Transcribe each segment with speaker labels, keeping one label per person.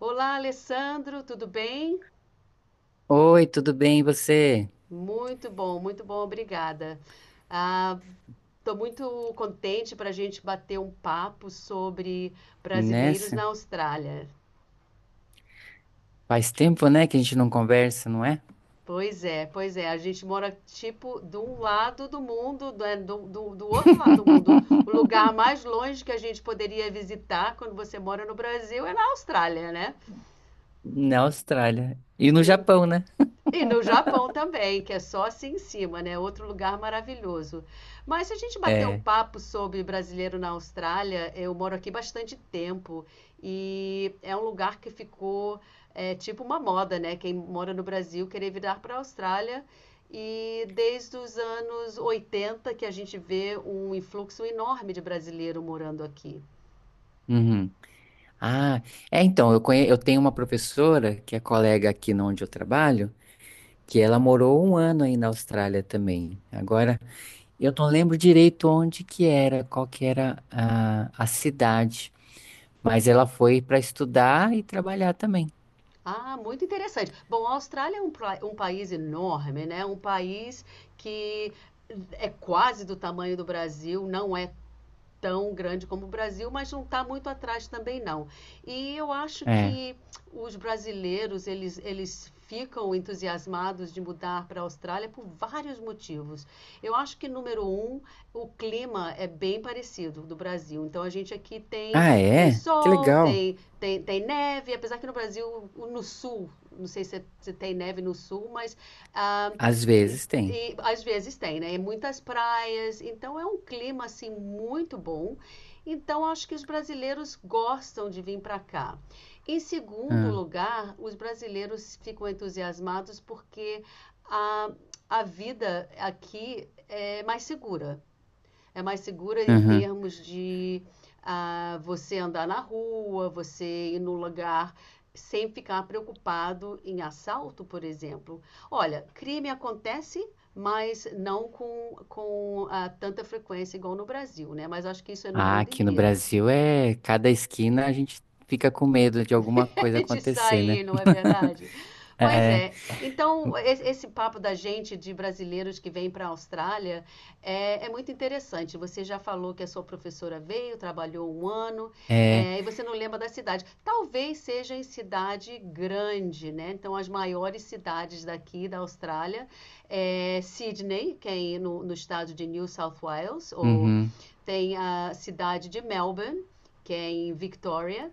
Speaker 1: Olá, Alessandro, tudo bem?
Speaker 2: Oi, tudo bem, e você?
Speaker 1: Muito bom, obrigada. Ah, estou muito contente para a gente bater um papo sobre brasileiros
Speaker 2: Nessa?
Speaker 1: na Austrália.
Speaker 2: Faz tempo, né, que a gente não conversa, não é?
Speaker 1: Pois é, a gente mora tipo de um lado do mundo, né, do outro lado do mundo. O lugar mais longe que a gente poderia visitar quando você mora no Brasil é na Austrália, né?
Speaker 2: Na Austrália. E no Japão, né?
Speaker 1: E no Japão também, que é só assim em cima, né? Outro lugar maravilhoso. Mas se a gente bater um
Speaker 2: É.
Speaker 1: papo sobre brasileiro na Austrália, eu moro aqui bastante tempo e é um lugar que ficou tipo uma moda, né? Quem mora no Brasil querer virar para a Austrália. E desde os anos 80 que a gente vê um influxo enorme de brasileiro morando aqui.
Speaker 2: Uhum. Ah, é, então, eu tenho uma professora que é colega aqui no onde eu trabalho, que ela morou um ano aí na Austrália também. Agora, eu não lembro direito onde que era, qual que era a cidade, mas ela foi para estudar e trabalhar também.
Speaker 1: Ah, muito interessante. Bom, a Austrália é um, um país enorme, né? Um país que é quase do tamanho do Brasil, não é tão grande como o Brasil, mas não está muito atrás também não. E eu acho
Speaker 2: É.
Speaker 1: que os brasileiros, eles ficam entusiasmados de mudar para a Austrália por vários motivos. Eu acho que, número um, o clima é bem parecido do Brasil. Então, a gente aqui tem,
Speaker 2: Ah,
Speaker 1: tem
Speaker 2: é? Que
Speaker 1: sol,
Speaker 2: legal.
Speaker 1: tem neve, apesar que no Brasil, no sul, não sei se, é, se tem neve no sul, mas ah,
Speaker 2: Às
Speaker 1: e
Speaker 2: vezes tem.
Speaker 1: e às vezes tem, né? E muitas praias, então é um clima assim muito bom. Então acho que os brasileiros gostam de vir para cá. Em segundo
Speaker 2: Ah,
Speaker 1: lugar, os brasileiros ficam entusiasmados porque a, a vida aqui é mais segura, é mais segura em
Speaker 2: uhum.
Speaker 1: termos de você andar na rua, você ir no lugar sem ficar preocupado em assalto, por exemplo. Olha, crime acontece, mas não com tanta frequência igual no Brasil, né? Mas acho que isso é no
Speaker 2: Ah,
Speaker 1: mundo
Speaker 2: aqui no
Speaker 1: inteiro.
Speaker 2: Brasil é cada esquina a gente fica com medo de alguma coisa
Speaker 1: De
Speaker 2: acontecer, né?
Speaker 1: sair, não é verdade? Pois
Speaker 2: É,
Speaker 1: é. Então, esse papo da gente, de brasileiros que vem para a Austrália, é muito interessante. Você já falou que a sua professora veio, trabalhou um ano,
Speaker 2: é,
Speaker 1: e você não lembra da cidade. Talvez seja em cidade grande, né? Então, as maiores cidades daqui da Austrália é Sydney, que é aí no estado de New South Wales, ou
Speaker 2: uhum.
Speaker 1: tem a cidade de Melbourne, que é em Victoria,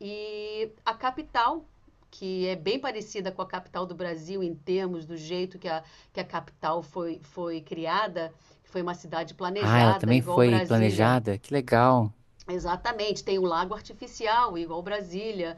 Speaker 1: e a capital, que é bem parecida com a capital do Brasil em termos do jeito que a capital foi criada, foi uma cidade
Speaker 2: Ah, ela
Speaker 1: planejada,
Speaker 2: também
Speaker 1: igual
Speaker 2: foi
Speaker 1: Brasília.
Speaker 2: planejada? Que legal.
Speaker 1: Exatamente, tem o lago artificial, igual Brasília,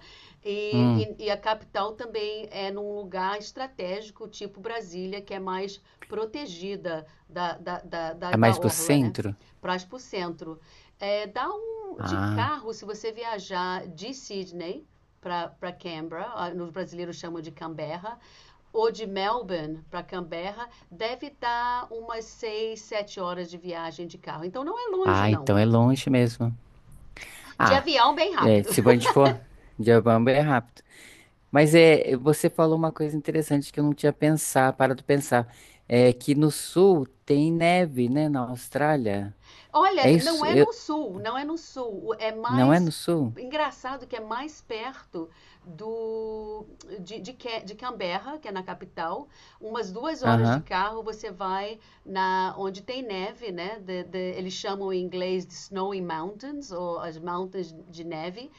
Speaker 2: Hum,
Speaker 1: e a capital também é num lugar estratégico, tipo Brasília, que é mais protegida da, da, da, da,
Speaker 2: é
Speaker 1: da
Speaker 2: mais pro
Speaker 1: orla, né?
Speaker 2: centro?
Speaker 1: Para o centro. É, dá um de
Speaker 2: Ah,
Speaker 1: carro se você viajar de Sydney para Canberra, os brasileiros chamam de Canberra, ou de Melbourne para Canberra, deve dar umas 6, 7 horas de viagem de carro. Então não é longe,
Speaker 2: ah,
Speaker 1: não.
Speaker 2: então é longe mesmo.
Speaker 1: De
Speaker 2: Ah,
Speaker 1: avião, bem
Speaker 2: é,
Speaker 1: rápido.
Speaker 2: se a gente for de Ubamba é rápido. Mas é, você falou uma coisa interessante que eu não tinha pensado, parado de pensar. É que no sul tem neve, né? Na Austrália. É
Speaker 1: Olha, não
Speaker 2: isso?
Speaker 1: é no sul, não é no sul, é
Speaker 2: Não é no
Speaker 1: mais
Speaker 2: sul?
Speaker 1: engraçado, que é mais perto do de Canberra, que é na capital. Umas 2 horas de
Speaker 2: Aham.
Speaker 1: carro você vai na onde tem neve, né? Eles chamam em inglês de snowy mountains, ou as Montanhas de neve,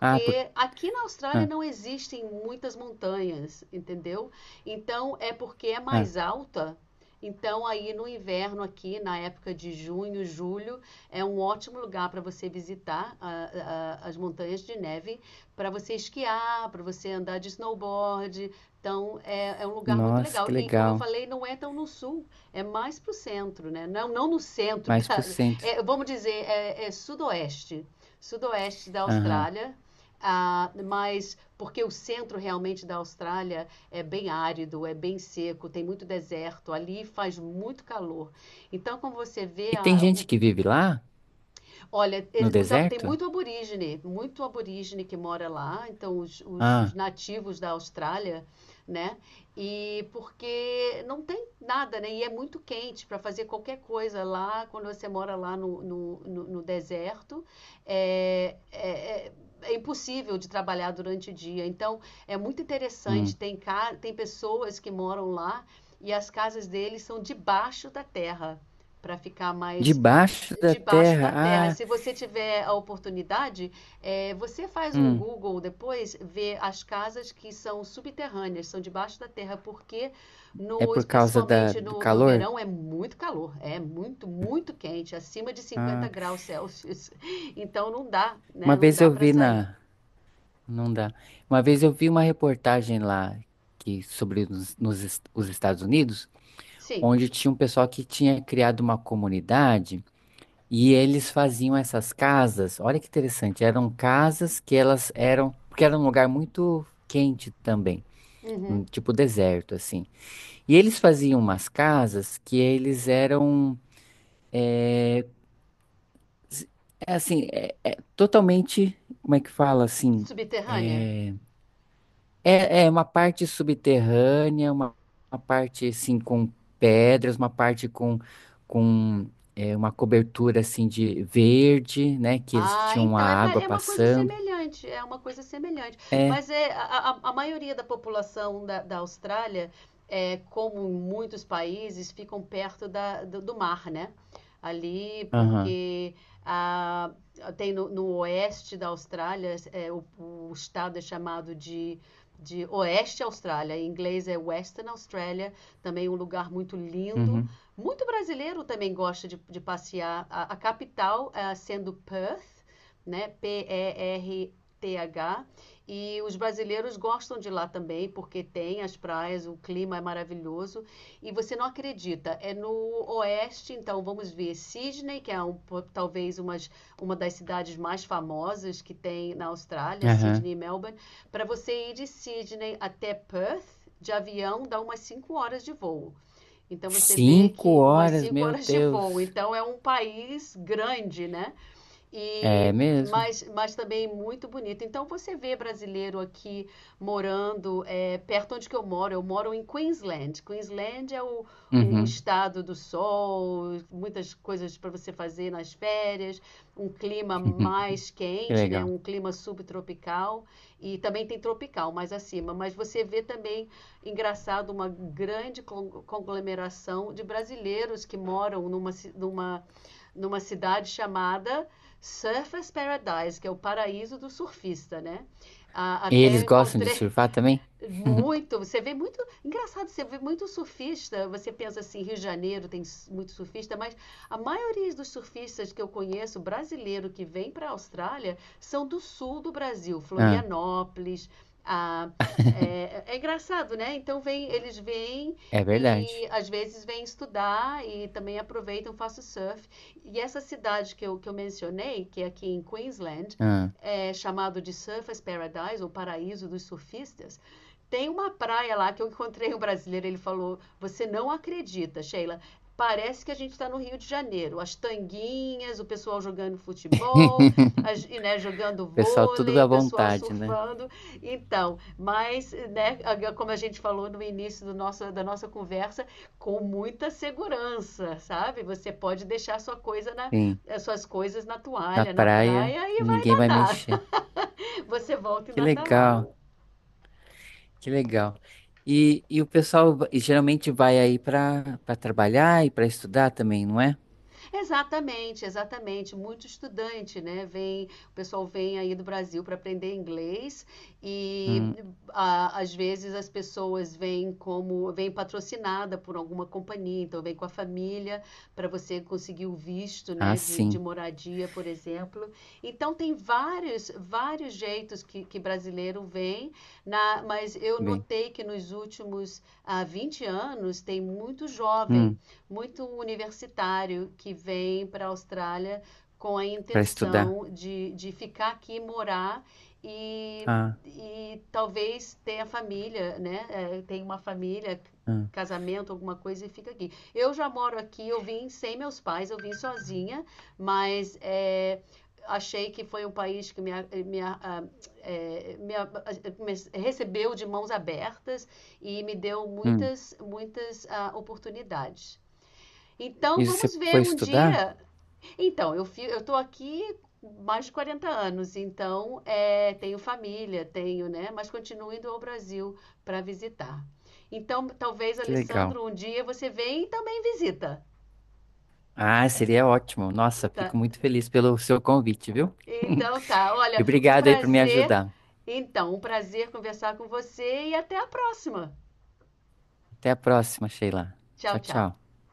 Speaker 2: Ah, por.
Speaker 1: aqui na Austrália
Speaker 2: Ah.
Speaker 1: não existem muitas montanhas, entendeu? Então é porque é
Speaker 2: Ah,
Speaker 1: mais alta. Então, aí no inverno aqui, na época de junho, julho, é um ótimo lugar para você visitar as montanhas de neve, para você esquiar, para você andar de snowboard. Então, é um lugar muito
Speaker 2: nossa,
Speaker 1: legal.
Speaker 2: que
Speaker 1: E, como eu
Speaker 2: legal.
Speaker 1: falei, não é tão no sul, é mais para o centro, né? Não, não no centro.
Speaker 2: Mais pro centro.
Speaker 1: Vamos dizer, é sudoeste, sudoeste da
Speaker 2: Aham.
Speaker 1: Austrália. Ah, mas porque o centro realmente da Austrália é bem árido, é bem seco, tem muito deserto, ali faz muito calor. Então, como você vê,
Speaker 2: E tem
Speaker 1: a,
Speaker 2: gente
Speaker 1: o
Speaker 2: que vive lá,
Speaker 1: olha,
Speaker 2: no
Speaker 1: os tem
Speaker 2: deserto?
Speaker 1: muito aborígene que mora lá, então os
Speaker 2: Ah,
Speaker 1: nativos da Austrália, né? E porque não tem nada, né? E é muito quente para fazer qualquer coisa lá. Quando você mora lá no deserto, é, é- é- é impossível de trabalhar durante o dia. Então é muito interessante,
Speaker 2: hum.
Speaker 1: tem pessoas que moram lá, e as casas deles são debaixo da terra, para ficar mais.
Speaker 2: Debaixo da
Speaker 1: Debaixo
Speaker 2: terra?
Speaker 1: da terra.
Speaker 2: Ah,
Speaker 1: Se você tiver a oportunidade, você faz um
Speaker 2: hum.
Speaker 1: Google depois, vê as casas que são subterrâneas, são debaixo da terra, porque
Speaker 2: É por causa
Speaker 1: principalmente
Speaker 2: do
Speaker 1: no
Speaker 2: calor?
Speaker 1: verão é muito calor, é muito, muito quente, acima de 50
Speaker 2: Ah,
Speaker 1: graus Celsius. Então não dá, né?
Speaker 2: uma
Speaker 1: Não
Speaker 2: vez
Speaker 1: dá
Speaker 2: eu
Speaker 1: para
Speaker 2: vi
Speaker 1: sair.
Speaker 2: na. Não dá. Uma vez eu vi uma reportagem lá que, sobre os Estados Unidos,
Speaker 1: Sim.
Speaker 2: onde tinha um pessoal que tinha criado uma comunidade. E eles faziam essas casas, olha que interessante, eram casas que elas eram, porque era um lugar muito quente também,
Speaker 1: Uhum.
Speaker 2: um tipo deserto assim. E eles faziam umas casas que eles eram s- é assim, é, é totalmente, como é que fala assim,
Speaker 1: Subterrânea.
Speaker 2: é, é uma parte subterrânea, uma parte assim com pedras, uma parte com é, uma cobertura assim de verde, né, que eles
Speaker 1: Ah,
Speaker 2: tinham a
Speaker 1: então é,
Speaker 2: água
Speaker 1: é uma coisa
Speaker 2: passando.
Speaker 1: semelhante, é uma coisa semelhante.
Speaker 2: É,
Speaker 1: Mas é, a maioria da população da Austrália, é, como em muitos países, ficam perto do mar, né? Ali,
Speaker 2: aham,
Speaker 1: porque ah, tem no oeste da Austrália, o estado é chamado de Oeste Austrália, em inglês é Western Australia, também um lugar muito lindo.
Speaker 2: uhum,
Speaker 1: Muito brasileiro também gosta de passear. A capital, sendo Perth, né? Perth. E R T H. E os brasileiros gostam de lá também, porque tem as praias, o clima é maravilhoso. E você não acredita, é no oeste. Então vamos ver Sydney, que é um, talvez umas, uma das cidades mais famosas que tem na Austrália,
Speaker 2: aham.
Speaker 1: Sydney e Melbourne. Para você ir de Sydney até Perth, de avião, dá umas 5 horas de voo. Então você vê
Speaker 2: Cinco
Speaker 1: que umas
Speaker 2: horas,
Speaker 1: cinco
Speaker 2: meu
Speaker 1: horas de voo.
Speaker 2: Deus.
Speaker 1: Então é um país grande, né?
Speaker 2: É
Speaker 1: E
Speaker 2: mesmo?
Speaker 1: mas também muito bonito. Então você vê brasileiro aqui morando perto onde que eu moro. Eu moro em Queensland. Queensland é o
Speaker 2: Uhum.
Speaker 1: estado do sol, muitas coisas para você fazer nas férias, um clima mais
Speaker 2: Que
Speaker 1: quente, né?
Speaker 2: legal.
Speaker 1: Um clima subtropical, e também tem tropical mais acima. Mas você vê também, engraçado, uma grande conglomeração de brasileiros que moram numa numa cidade chamada Surfer's Paradise, que é o paraíso do surfista, né? Ah,
Speaker 2: E
Speaker 1: até
Speaker 2: eles
Speaker 1: eu
Speaker 2: gostam de
Speaker 1: encontrei
Speaker 2: surfar também?
Speaker 1: muito, você vê muito. Engraçado, você vê muito surfista. Você pensa assim, Rio de Janeiro tem muito surfista, mas a maioria dos surfistas que eu conheço, brasileiro que vem para a Austrália, são do sul do Brasil,
Speaker 2: Ah,
Speaker 1: Florianópolis. Ah, é engraçado, né? Então vem, eles vêm
Speaker 2: é
Speaker 1: e
Speaker 2: verdade.
Speaker 1: às vezes vêm estudar e também aproveitam, faço surf. E essa cidade que eu mencionei, que é aqui em Queensland,
Speaker 2: Ah,
Speaker 1: é chamado de Surfers Paradise, ou Paraíso dos Surfistas. Tem uma praia lá que eu encontrei um brasileiro, ele falou: "Você não acredita, Sheila, parece que a gente está no Rio de Janeiro. As tanguinhas, o pessoal jogando futebol, as, e, né, jogando
Speaker 2: pessoal, tudo
Speaker 1: vôlei, o
Speaker 2: à
Speaker 1: pessoal
Speaker 2: vontade, né?
Speaker 1: surfando." Então, mas, né, como a gente falou no início do nosso, da nossa conversa, com muita segurança, sabe? Você pode deixar sua coisa na,
Speaker 2: Sim,
Speaker 1: as suas coisas na
Speaker 2: na
Speaker 1: toalha, na
Speaker 2: praia,
Speaker 1: praia e vai
Speaker 2: ninguém vai
Speaker 1: nadar.
Speaker 2: mexer.
Speaker 1: Você volta e
Speaker 2: Que
Speaker 1: ainda está lá.
Speaker 2: legal, que legal. E o pessoal e geralmente vai aí para trabalhar e para estudar também, não é?
Speaker 1: Exatamente, exatamente. Muito estudante, né? Vem, o pessoal vem aí do Brasil para aprender inglês, e
Speaker 2: Hum,
Speaker 1: às vezes as pessoas vêm como vêm patrocinada por alguma companhia, então vem com a família para você conseguir o visto,
Speaker 2: ah,
Speaker 1: né, de
Speaker 2: sim,
Speaker 1: moradia, por exemplo. Então tem vários, vários jeitos que brasileiro vem, na, mas eu
Speaker 2: bem.
Speaker 1: notei que nos últimos 20 anos tem muito jovem,
Speaker 2: Hum,
Speaker 1: muito universitário que vem para a Austrália com a
Speaker 2: para estudar.
Speaker 1: intenção de ficar aqui, morar e,
Speaker 2: Ah,
Speaker 1: e talvez ter a família, né? É, tem uma família,
Speaker 2: ah,
Speaker 1: casamento, alguma coisa, e fica aqui. Eu já moro aqui, eu vim sem meus pais, eu vim sozinha, mas é, achei que foi um país que me, me me recebeu de mãos abertas e me deu
Speaker 2: hum.
Speaker 1: muitas, muitas oportunidades. Então
Speaker 2: E você
Speaker 1: vamos ver
Speaker 2: foi
Speaker 1: um
Speaker 2: estudar?
Speaker 1: dia. Então, eu estou aqui mais de 40 anos, então é, tenho família, tenho, né? Mas continuo indo ao Brasil para visitar. Então, talvez,
Speaker 2: Que legal.
Speaker 1: Alessandro, um dia você vem e também visita,
Speaker 2: Ah, seria ótimo. Nossa,
Speaker 1: tá?
Speaker 2: fico muito feliz pelo seu convite, viu?
Speaker 1: Então tá,
Speaker 2: E
Speaker 1: olha, um
Speaker 2: obrigado aí por me
Speaker 1: prazer.
Speaker 2: ajudar.
Speaker 1: Então, um prazer conversar com você, e até a próxima.
Speaker 2: Até a próxima, Sheila.
Speaker 1: Tchau,
Speaker 2: Tchau,
Speaker 1: tchau.
Speaker 2: tchau.